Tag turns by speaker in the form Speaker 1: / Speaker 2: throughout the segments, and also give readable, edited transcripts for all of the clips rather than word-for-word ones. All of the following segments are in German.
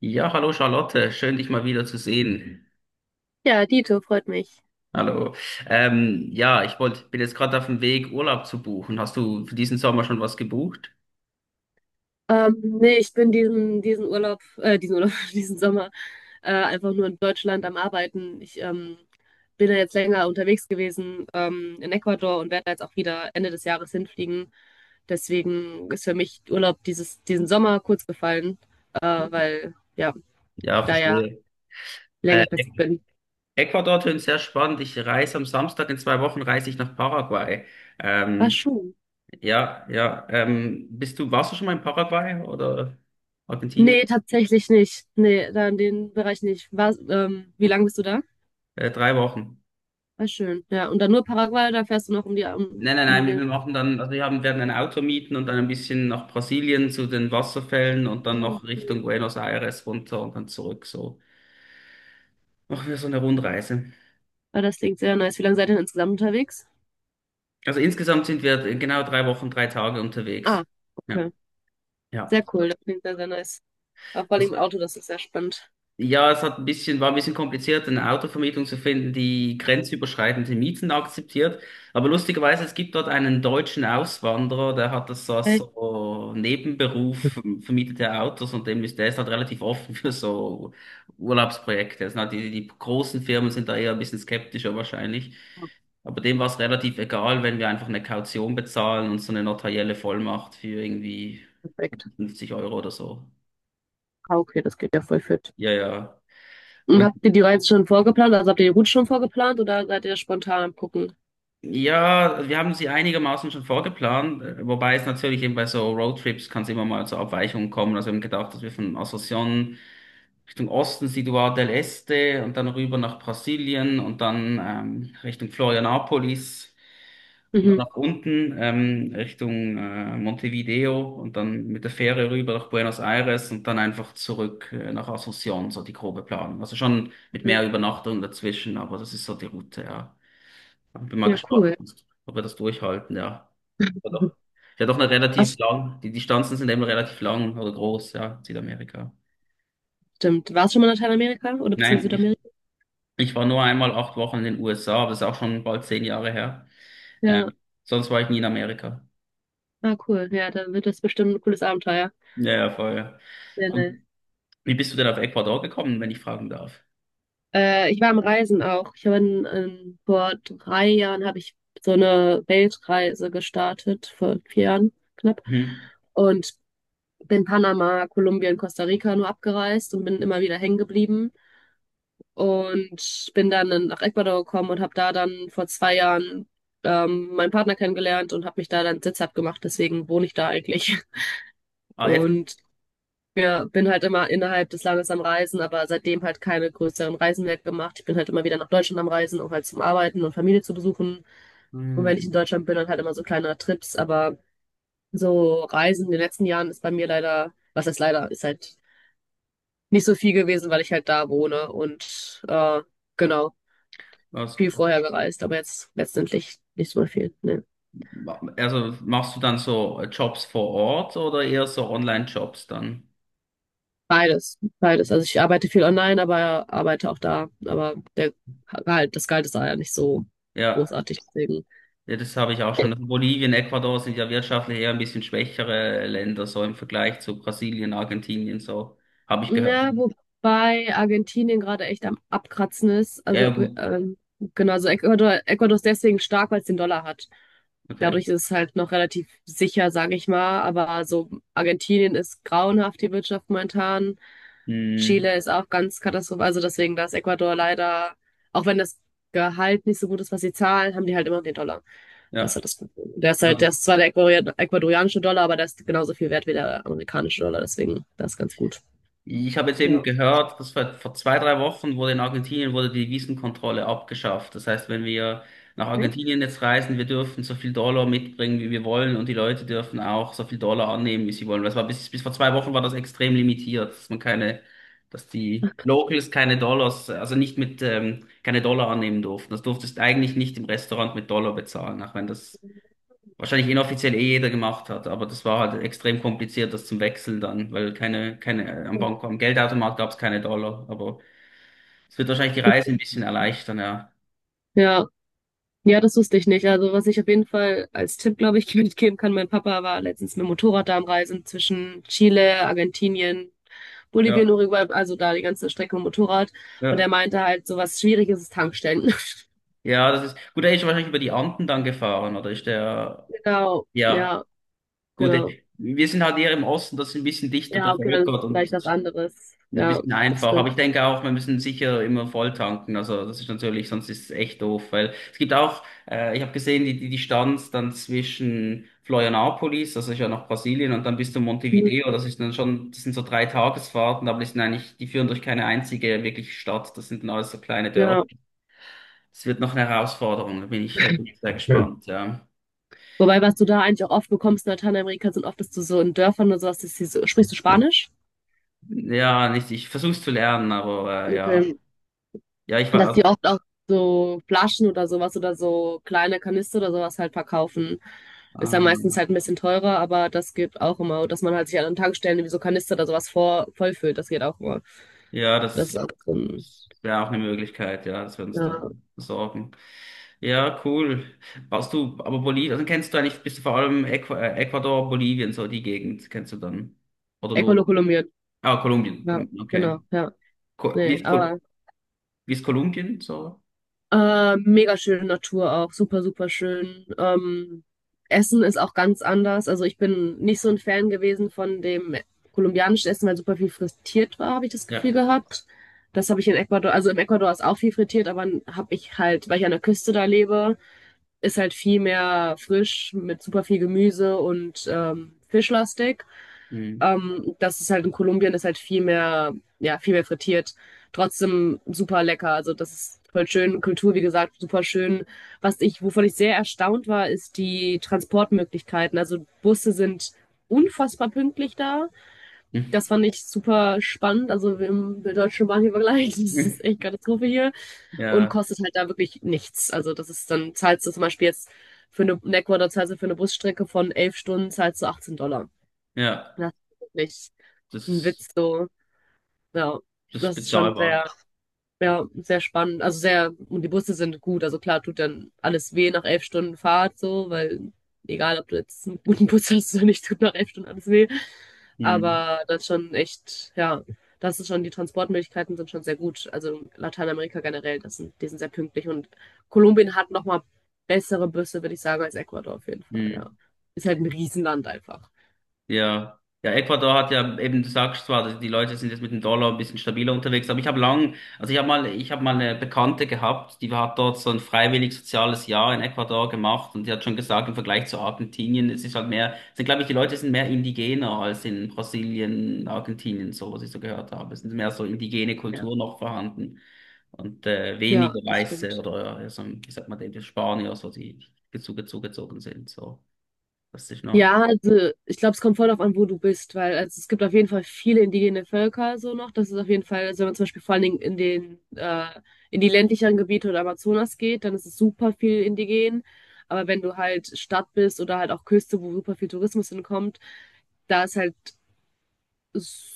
Speaker 1: Ja, hallo Charlotte, schön dich mal wieder zu sehen.
Speaker 2: Ja, Dito, freut mich.
Speaker 1: Hallo. Ja, bin jetzt gerade auf dem Weg, Urlaub zu buchen. Hast du für diesen Sommer schon was gebucht?
Speaker 2: Nee, ich bin diesen Urlaub, diesen Sommer einfach nur in Deutschland am Arbeiten. Ich bin da jetzt länger unterwegs gewesen in Ecuador und werde da jetzt auch wieder Ende des Jahres hinfliegen. Deswegen ist für mich Urlaub diesen Sommer kurz gefallen, weil ja,
Speaker 1: Ja,
Speaker 2: ich da ja
Speaker 1: verstehe. Äh,
Speaker 2: längerfristig bin.
Speaker 1: Ecuador tönt sehr spannend. Ich reise am Samstag, in 2 Wochen reise ich nach Paraguay.
Speaker 2: War
Speaker 1: Ähm,
Speaker 2: schon.
Speaker 1: ja, ja. Warst du schon mal in Paraguay oder Argentinien?
Speaker 2: Nee, tatsächlich nicht. Nee, da in den Bereich nicht. Wie lange bist du da?
Speaker 1: 3 Wochen.
Speaker 2: Ah, schön. Ja, und dann nur Paraguay, da fährst du noch um die, um,
Speaker 1: Nein, nein,
Speaker 2: um
Speaker 1: nein,
Speaker 2: den.
Speaker 1: wir machen dann, also werden ein Auto mieten und dann ein bisschen nach Brasilien zu den Wasserfällen und dann
Speaker 2: Mhm.
Speaker 1: noch Richtung Buenos Aires runter und dann zurück. So machen wir so eine Rundreise.
Speaker 2: Ah, das klingt sehr nice. Wie lange seid ihr denn insgesamt unterwegs?
Speaker 1: Also insgesamt sind wir genau 3 Wochen, 3 Tage unterwegs.
Speaker 2: Ah, okay.
Speaker 1: Ja, ja.
Speaker 2: Sehr cool. Das klingt sehr, sehr nice. Auch vor allem im Auto, das ist sehr spannend.
Speaker 1: Ja, es hat ein bisschen, war ein bisschen kompliziert, eine Autovermietung zu finden, die grenzüberschreitende Mieten akzeptiert. Aber lustigerweise, es gibt dort einen deutschen Auswanderer, der hat das als
Speaker 2: Echt?
Speaker 1: so Nebenberuf, vermietet er Autos und der ist halt relativ offen für so Urlaubsprojekte. Also sind halt die großen Firmen sind da eher ein bisschen skeptischer wahrscheinlich.
Speaker 2: Oh,
Speaker 1: Aber dem war es relativ egal, wenn wir einfach eine Kaution bezahlen und so eine notarielle Vollmacht für irgendwie
Speaker 2: perfekt.
Speaker 1: 50 Euro oder so.
Speaker 2: Ah, okay, das geht ja voll fit.
Speaker 1: Ja, ja.
Speaker 2: Und
Speaker 1: Und
Speaker 2: habt ihr die Reise schon vorgeplant? Also habt ihr die Route schon vorgeplant oder seid ihr spontan am Gucken?
Speaker 1: ja, wir haben sie einigermaßen schon vorgeplant, wobei es natürlich eben bei so Roadtrips kann es immer mal zu Abweichungen kommen. Also wir haben gedacht, dass wir von Asunción Richtung Osten, Ciudad del Este und dann rüber nach Brasilien und dann Richtung Florianópolis und dann
Speaker 2: Mhm.
Speaker 1: nach unten Richtung Montevideo und dann mit der Fähre rüber nach Buenos Aires und dann einfach zurück nach Asunción, so die grobe Planung. Also schon mit mehr Übernachtungen dazwischen, aber das ist so die Route, ja. Bin mal
Speaker 2: Ja,
Speaker 1: gespannt,
Speaker 2: cool.
Speaker 1: ob wir das durchhalten, ja. Ja doch, ja, doch eine relativ
Speaker 2: Das
Speaker 1: lang, die Distanzen sind eben relativ lang oder groß, ja, Südamerika.
Speaker 2: stimmt. Warst du schon mal in Lateinamerika oder beziehungsweise
Speaker 1: Nein, ich,
Speaker 2: Südamerika?
Speaker 1: ich war nur einmal 8 Wochen in den USA, aber das ist auch schon bald 10 Jahre her.
Speaker 2: Ja,
Speaker 1: Ähm, sonst war ich nie in Amerika.
Speaker 2: ah, cool. Ja, dann wird das bestimmt ein cooles Abenteuer.
Speaker 1: Ja, ja, voll. Ja.
Speaker 2: Ja,
Speaker 1: Und wie bist du denn auf Ecuador gekommen, wenn ich fragen darf?
Speaker 2: Ich war am Reisen auch. Ich habe in, vor 3 Jahren habe ich so eine Weltreise gestartet, vor 4 Jahren knapp.
Speaker 1: Hm.
Speaker 2: Und bin Panama, Kolumbien, Costa Rica nur abgereist und bin immer wieder hängen geblieben. Und bin dann nach Ecuador gekommen und habe da dann vor 2 Jahren meinen Partner kennengelernt und habe mich da dann sitzhaft gemacht. Deswegen wohne ich da eigentlich.
Speaker 1: Ah, jetzt.
Speaker 2: Und ja, bin halt immer innerhalb des Landes am Reisen, aber seitdem halt keine größeren Reisen mehr gemacht. Ich bin halt immer wieder nach Deutschland am Reisen, um halt zum Arbeiten und Familie zu besuchen. Und wenn ich in
Speaker 1: Hm.
Speaker 2: Deutschland bin, dann halt immer so kleine Trips. Aber so Reisen in den letzten Jahren ist bei mir leider, was heißt leider, ist halt nicht so viel gewesen, weil ich halt da wohne und genau,
Speaker 1: Ah,
Speaker 2: viel
Speaker 1: super.
Speaker 2: vorher gereist, aber jetzt letztendlich nicht so viel. Nee.
Speaker 1: Also machst du dann so Jobs vor Ort oder eher so Online-Jobs dann?
Speaker 2: Beides, beides. Also ich arbeite viel online, aber arbeite auch da. Aber das Gehalt ist da ja nicht so
Speaker 1: Ja.
Speaker 2: großartig. Deswegen.
Speaker 1: Ja, das habe ich auch schon. Also Bolivien, Ecuador sind ja wirtschaftlich eher ein bisschen schwächere Länder, so im Vergleich zu Brasilien, Argentinien, so habe ich gehört.
Speaker 2: Na, wobei Argentinien gerade echt am Abkratzen ist.
Speaker 1: Ja,
Speaker 2: Also,
Speaker 1: ja, gut.
Speaker 2: genau, also Ecuador ist deswegen stark, weil es den Dollar hat.
Speaker 1: Okay.
Speaker 2: Dadurch ist es halt noch relativ sicher, sage ich mal. Aber so Argentinien ist grauenhaft, die Wirtschaft momentan.
Speaker 1: Hm,
Speaker 2: Chile ist auch ganz katastrophal. Also deswegen, da ist Ecuador leider, auch wenn das Gehalt nicht so gut ist, was sie zahlen, haben die halt immer den Dollar. Das ist
Speaker 1: ja.
Speaker 2: halt das Problem. Der ist zwar der ecuadorianische Dollar, aber der ist genauso viel wert wie der amerikanische Dollar. Deswegen, das ist ganz gut.
Speaker 1: Ich habe jetzt eben
Speaker 2: Ja.
Speaker 1: gehört, dass vor 2, 3 Wochen wurde in Argentinien wurde die Wiesenkontrolle abgeschafft. Das heißt, wenn wir nach
Speaker 2: Echt?
Speaker 1: Argentinien jetzt reisen, wir dürfen so viel Dollar mitbringen, wie wir wollen, und die Leute dürfen auch so viel Dollar annehmen, wie sie wollen. Das war bis vor 2 Wochen war das extrem limitiert, dass man keine, dass die Locals keine Dollars, also nicht mit, keine Dollar annehmen durften. Das durftest eigentlich nicht im Restaurant mit Dollar bezahlen, auch wenn das wahrscheinlich inoffiziell eh jeder gemacht hat, aber das war halt extrem kompliziert, das zum Wechseln dann, weil keine, keine, am Bank, am Geldautomat gab es keine Dollar, aber es wird wahrscheinlich die Reise ein bisschen erleichtern, ja.
Speaker 2: Ja, ja, das wusste ich nicht. Also was ich auf jeden Fall als Tipp, glaube ich, mitgeben kann, mein Papa war letztens mit dem Motorrad da am Reisen zwischen Chile, Argentinien, Bolivien,
Speaker 1: Ja,
Speaker 2: Uruguay, also da die ganze Strecke mit dem Motorrad. Und er
Speaker 1: ja,
Speaker 2: meinte halt, so was Schwieriges ist Tankstellen.
Speaker 1: ja, das ist, gut, er ist wahrscheinlich über die Anden dann gefahren, oder ist der,
Speaker 2: Genau,
Speaker 1: ja,
Speaker 2: ja,
Speaker 1: gut,
Speaker 2: genau.
Speaker 1: wir sind halt eher im Osten, das ist ein bisschen dichter
Speaker 2: Ja, okay, dann ist es
Speaker 1: bevölkert
Speaker 2: vielleicht
Speaker 1: und
Speaker 2: was anderes.
Speaker 1: ein
Speaker 2: Ja,
Speaker 1: bisschen
Speaker 2: das
Speaker 1: einfach, aber
Speaker 2: stimmt.
Speaker 1: ich denke auch, wir müssen sicher immer voll tanken. Also das ist natürlich, sonst ist es echt doof, weil es gibt auch, ich habe gesehen, die Distanz dann zwischen Florianópolis, das ist ja nach Brasilien, und dann bis zu
Speaker 2: Mhm.
Speaker 1: Montevideo, das ist dann schon, das sind so 3 Tagesfahrten, aber die sind eigentlich, die führen durch keine einzige wirkliche Stadt, das sind dann alles so kleine Dörfer.
Speaker 2: Ja.
Speaker 1: Das wird noch eine Herausforderung, da bin ich bin sehr
Speaker 2: Hm.
Speaker 1: gespannt, ja.
Speaker 2: Wobei, was du da eigentlich auch oft bekommst in Lateinamerika, sind oft, dass du so in Dörfern oder sowas, dass die so, sprichst du Spanisch?
Speaker 1: Ja, nicht, ich versuche es zu lernen, aber ja.
Speaker 2: Okay.
Speaker 1: Ja, ich
Speaker 2: Dass
Speaker 1: war
Speaker 2: die
Speaker 1: auch.
Speaker 2: oft auch so Flaschen oder sowas oder so kleine Kanister oder sowas halt verkaufen. Ist ja meistens
Speaker 1: ähm,
Speaker 2: halt ein bisschen teurer, aber das geht auch immer. Dass man halt sich an Tankstellen wie so Kanister oder sowas vollfüllt, das geht auch immer.
Speaker 1: Ja,
Speaker 2: Das ist
Speaker 1: das,
Speaker 2: auch so ein,
Speaker 1: das wäre auch eine Möglichkeit, ja, dass wir uns
Speaker 2: ja,
Speaker 1: dann besorgen. Ja, cool. Warst du, aber Bolivien, also kennst du eigentlich, bist du vor allem Äqu Ecuador, Bolivien, so die Gegend, kennst du dann? Oder nur,
Speaker 2: Echolokaliert.
Speaker 1: ah, Kolumbien,
Speaker 2: Ja,
Speaker 1: Kolumbien, okay.
Speaker 2: genau, ja.
Speaker 1: Ko wie
Speaker 2: Nee,
Speaker 1: ist, Kol
Speaker 2: aber.
Speaker 1: wie ist Kolumbien, so?
Speaker 2: Mega schöne Natur auch, super, super schön. Essen ist auch ganz anders. Also ich bin nicht so ein Fan gewesen von dem kolumbianischen Essen, weil super viel frittiert war, habe ich das
Speaker 1: Ja.
Speaker 2: Gefühl gehabt. Das habe ich in Ecuador, also im Ecuador ist auch viel frittiert, aber habe ich halt, weil ich an der Küste da lebe, ist halt viel mehr frisch mit super viel Gemüse und fischlastig.
Speaker 1: Hm.
Speaker 2: Das ist halt in Kolumbien ist halt viel mehr, ja, viel mehr frittiert. Trotzdem super lecker. Also das ist voll schön. Kultur, wie gesagt, super schön. Wovon ich sehr erstaunt war, ist die Transportmöglichkeiten. Also Busse sind unfassbar pünktlich da. Das fand ich super spannend. Also im der deutschen Bahn hier vergleicht, das ist echt Katastrophe hier. Und
Speaker 1: Ja,
Speaker 2: kostet halt da wirklich nichts. Also das ist dann, zahlst du zum Beispiel jetzt in Ecuador zahlst du für eine Busstrecke von 11 Stunden, zahlst du $18.
Speaker 1: ja,
Speaker 2: Das ist wirklich ein
Speaker 1: das,
Speaker 2: Witz so. Ja,
Speaker 1: das ist
Speaker 2: das ist schon sehr,
Speaker 1: bezahlbar.
Speaker 2: ja, sehr spannend. Also sehr, und die Busse sind gut. Also klar tut dann alles weh nach 11 Stunden Fahrt so, weil egal, ob du jetzt einen guten Bus hast oder nicht, tut nach 11 Stunden alles weh.
Speaker 1: Hm.
Speaker 2: Aber das ist schon echt, ja, das ist schon, die Transportmöglichkeiten sind schon sehr gut. Also Lateinamerika generell, die sind sehr pünktlich und Kolumbien hat nochmal bessere Busse, würde ich sagen, als Ecuador auf jeden Fall, ja.
Speaker 1: Hm.
Speaker 2: Ist halt ein Riesenland einfach.
Speaker 1: Ja, ja, Ecuador hat ja eben, du sagst zwar, dass die Leute sind jetzt mit dem Dollar ein bisschen stabiler unterwegs, aber ich habe lang, also ich habe mal eine Bekannte gehabt, die hat dort so ein freiwillig soziales Jahr in Ecuador gemacht und die hat schon gesagt, im Vergleich zu Argentinien, es ist halt mehr, sind glaube ich, die Leute sind mehr indigener als in Brasilien, Argentinien, so was ich so gehört habe. Es sind mehr so indigene
Speaker 2: Ja,
Speaker 1: Kultur noch vorhanden und
Speaker 2: ja,
Speaker 1: weniger
Speaker 2: das
Speaker 1: Weiße
Speaker 2: stimmt.
Speaker 1: oder so, wie sagt man, die Spanier, so die zugezogen sind, so. Das ist noch.
Speaker 2: Ja, also ich glaube, es kommt voll darauf an, wo du bist, weil also es gibt auf jeden Fall viele indigene Völker so noch. Das ist auf jeden Fall, also wenn man zum Beispiel vor allen Dingen in die ländlicheren Gebiete oder Amazonas geht, dann ist es super viel indigen. Aber wenn du halt Stadt bist oder halt auch Küste, wo super viel Tourismus hinkommt, da ist halt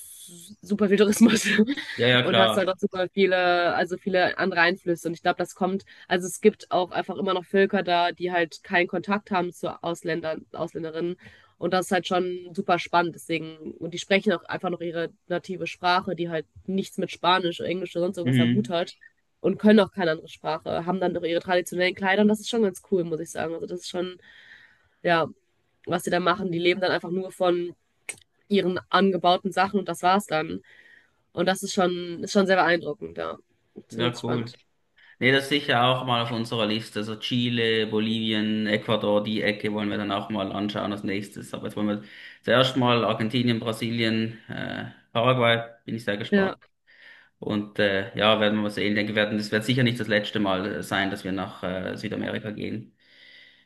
Speaker 2: super viel Tourismus
Speaker 1: Ja, ja,
Speaker 2: und hast halt
Speaker 1: klar.
Speaker 2: auch super viele, also viele andere Einflüsse. Und ich glaube, das kommt, also es gibt auch einfach immer noch Völker da, die halt keinen Kontakt haben zu Ausländern, Ausländerinnen. Und das ist halt schon super spannend. Deswegen, und die sprechen auch einfach noch ihre native Sprache, die halt nichts mit Spanisch oder Englisch oder sonst irgendwas am Hut
Speaker 1: Mhm.
Speaker 2: hat und können auch keine andere Sprache, haben dann noch ihre traditionellen Kleider und das ist schon ganz cool, muss ich sagen. Also das ist schon, ja, was sie da machen. Die leben dann einfach nur von ihren angebauten Sachen und das war's dann. Und das ist schon, sehr beeindruckend, ja.
Speaker 1: Ja,
Speaker 2: Zumindest
Speaker 1: cool.
Speaker 2: spannend.
Speaker 1: Nee, das ist sicher auch mal auf unserer Liste. So Chile, Bolivien, Ecuador, die Ecke wollen wir dann auch mal anschauen als nächstes. Aber jetzt wollen wir zuerst mal Argentinien, Brasilien, Paraguay, bin ich sehr gespannt.
Speaker 2: Ja,
Speaker 1: Und ja, werden wir mal sehen. Ich denke, werden, das wird sicher nicht das letzte Mal sein, dass wir nach Südamerika gehen.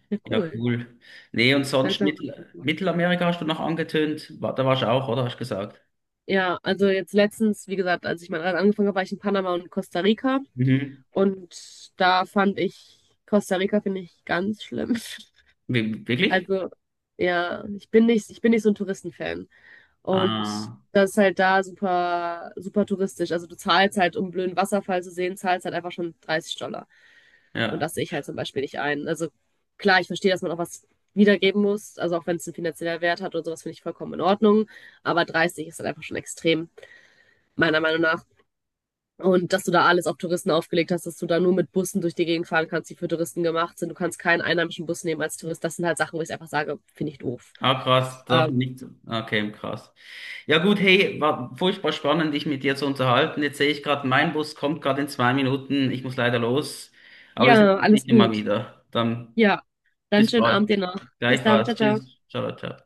Speaker 2: ja,
Speaker 1: Ja,
Speaker 2: cool.
Speaker 1: cool. Nee, und sonst
Speaker 2: Langsam.
Speaker 1: Mittelamerika hast du noch angetönt. Da warst du auch, oder? Hast du gesagt?
Speaker 2: Ja, also jetzt letztens, wie gesagt, als ich mal angefangen habe, war ich in Panama und Costa Rica.
Speaker 1: Mhm.
Speaker 2: Und da fand ich, Costa Rica finde ich ganz schlimm.
Speaker 1: Wirklich?
Speaker 2: Also, ja, ich bin nicht so ein Touristenfan. Und
Speaker 1: Ah,
Speaker 2: das ist halt da super, super touristisch. Also du zahlst halt, um einen blöden Wasserfall zu sehen, zahlst halt einfach schon $30. Und
Speaker 1: ja.
Speaker 2: das sehe ich halt zum Beispiel nicht ein. Also klar, ich verstehe, dass man auch was wiedergeben muss. Also auch wenn es einen finanziellen Wert hat oder sowas, finde ich vollkommen in Ordnung. Aber 30 ist dann einfach schon extrem, meiner Meinung nach. Und dass du da alles auf Touristen aufgelegt hast, dass du da nur mit Bussen durch die Gegend fahren kannst, die für Touristen gemacht sind. Du kannst keinen einheimischen Bus nehmen als Tourist. Das sind halt Sachen, wo ich einfach sage, finde ich doof.
Speaker 1: Ah, krass, darf man
Speaker 2: Ähm,
Speaker 1: nicht. Okay, krass. Ja gut, hey, war furchtbar spannend, dich mit dir zu unterhalten. Jetzt sehe ich gerade, mein Bus kommt gerade in 2 Minuten. Ich muss leider los, aber wir sehen
Speaker 2: ja,
Speaker 1: uns nicht
Speaker 2: alles
Speaker 1: immer
Speaker 2: gut.
Speaker 1: wieder. Dann
Speaker 2: Ja, dann
Speaker 1: bis
Speaker 2: schönen
Speaker 1: bald.
Speaker 2: Abend dir noch. Bis dann. Ciao,
Speaker 1: Gleichfalls.
Speaker 2: ciao.
Speaker 1: Tschüss. Ciao, ciao.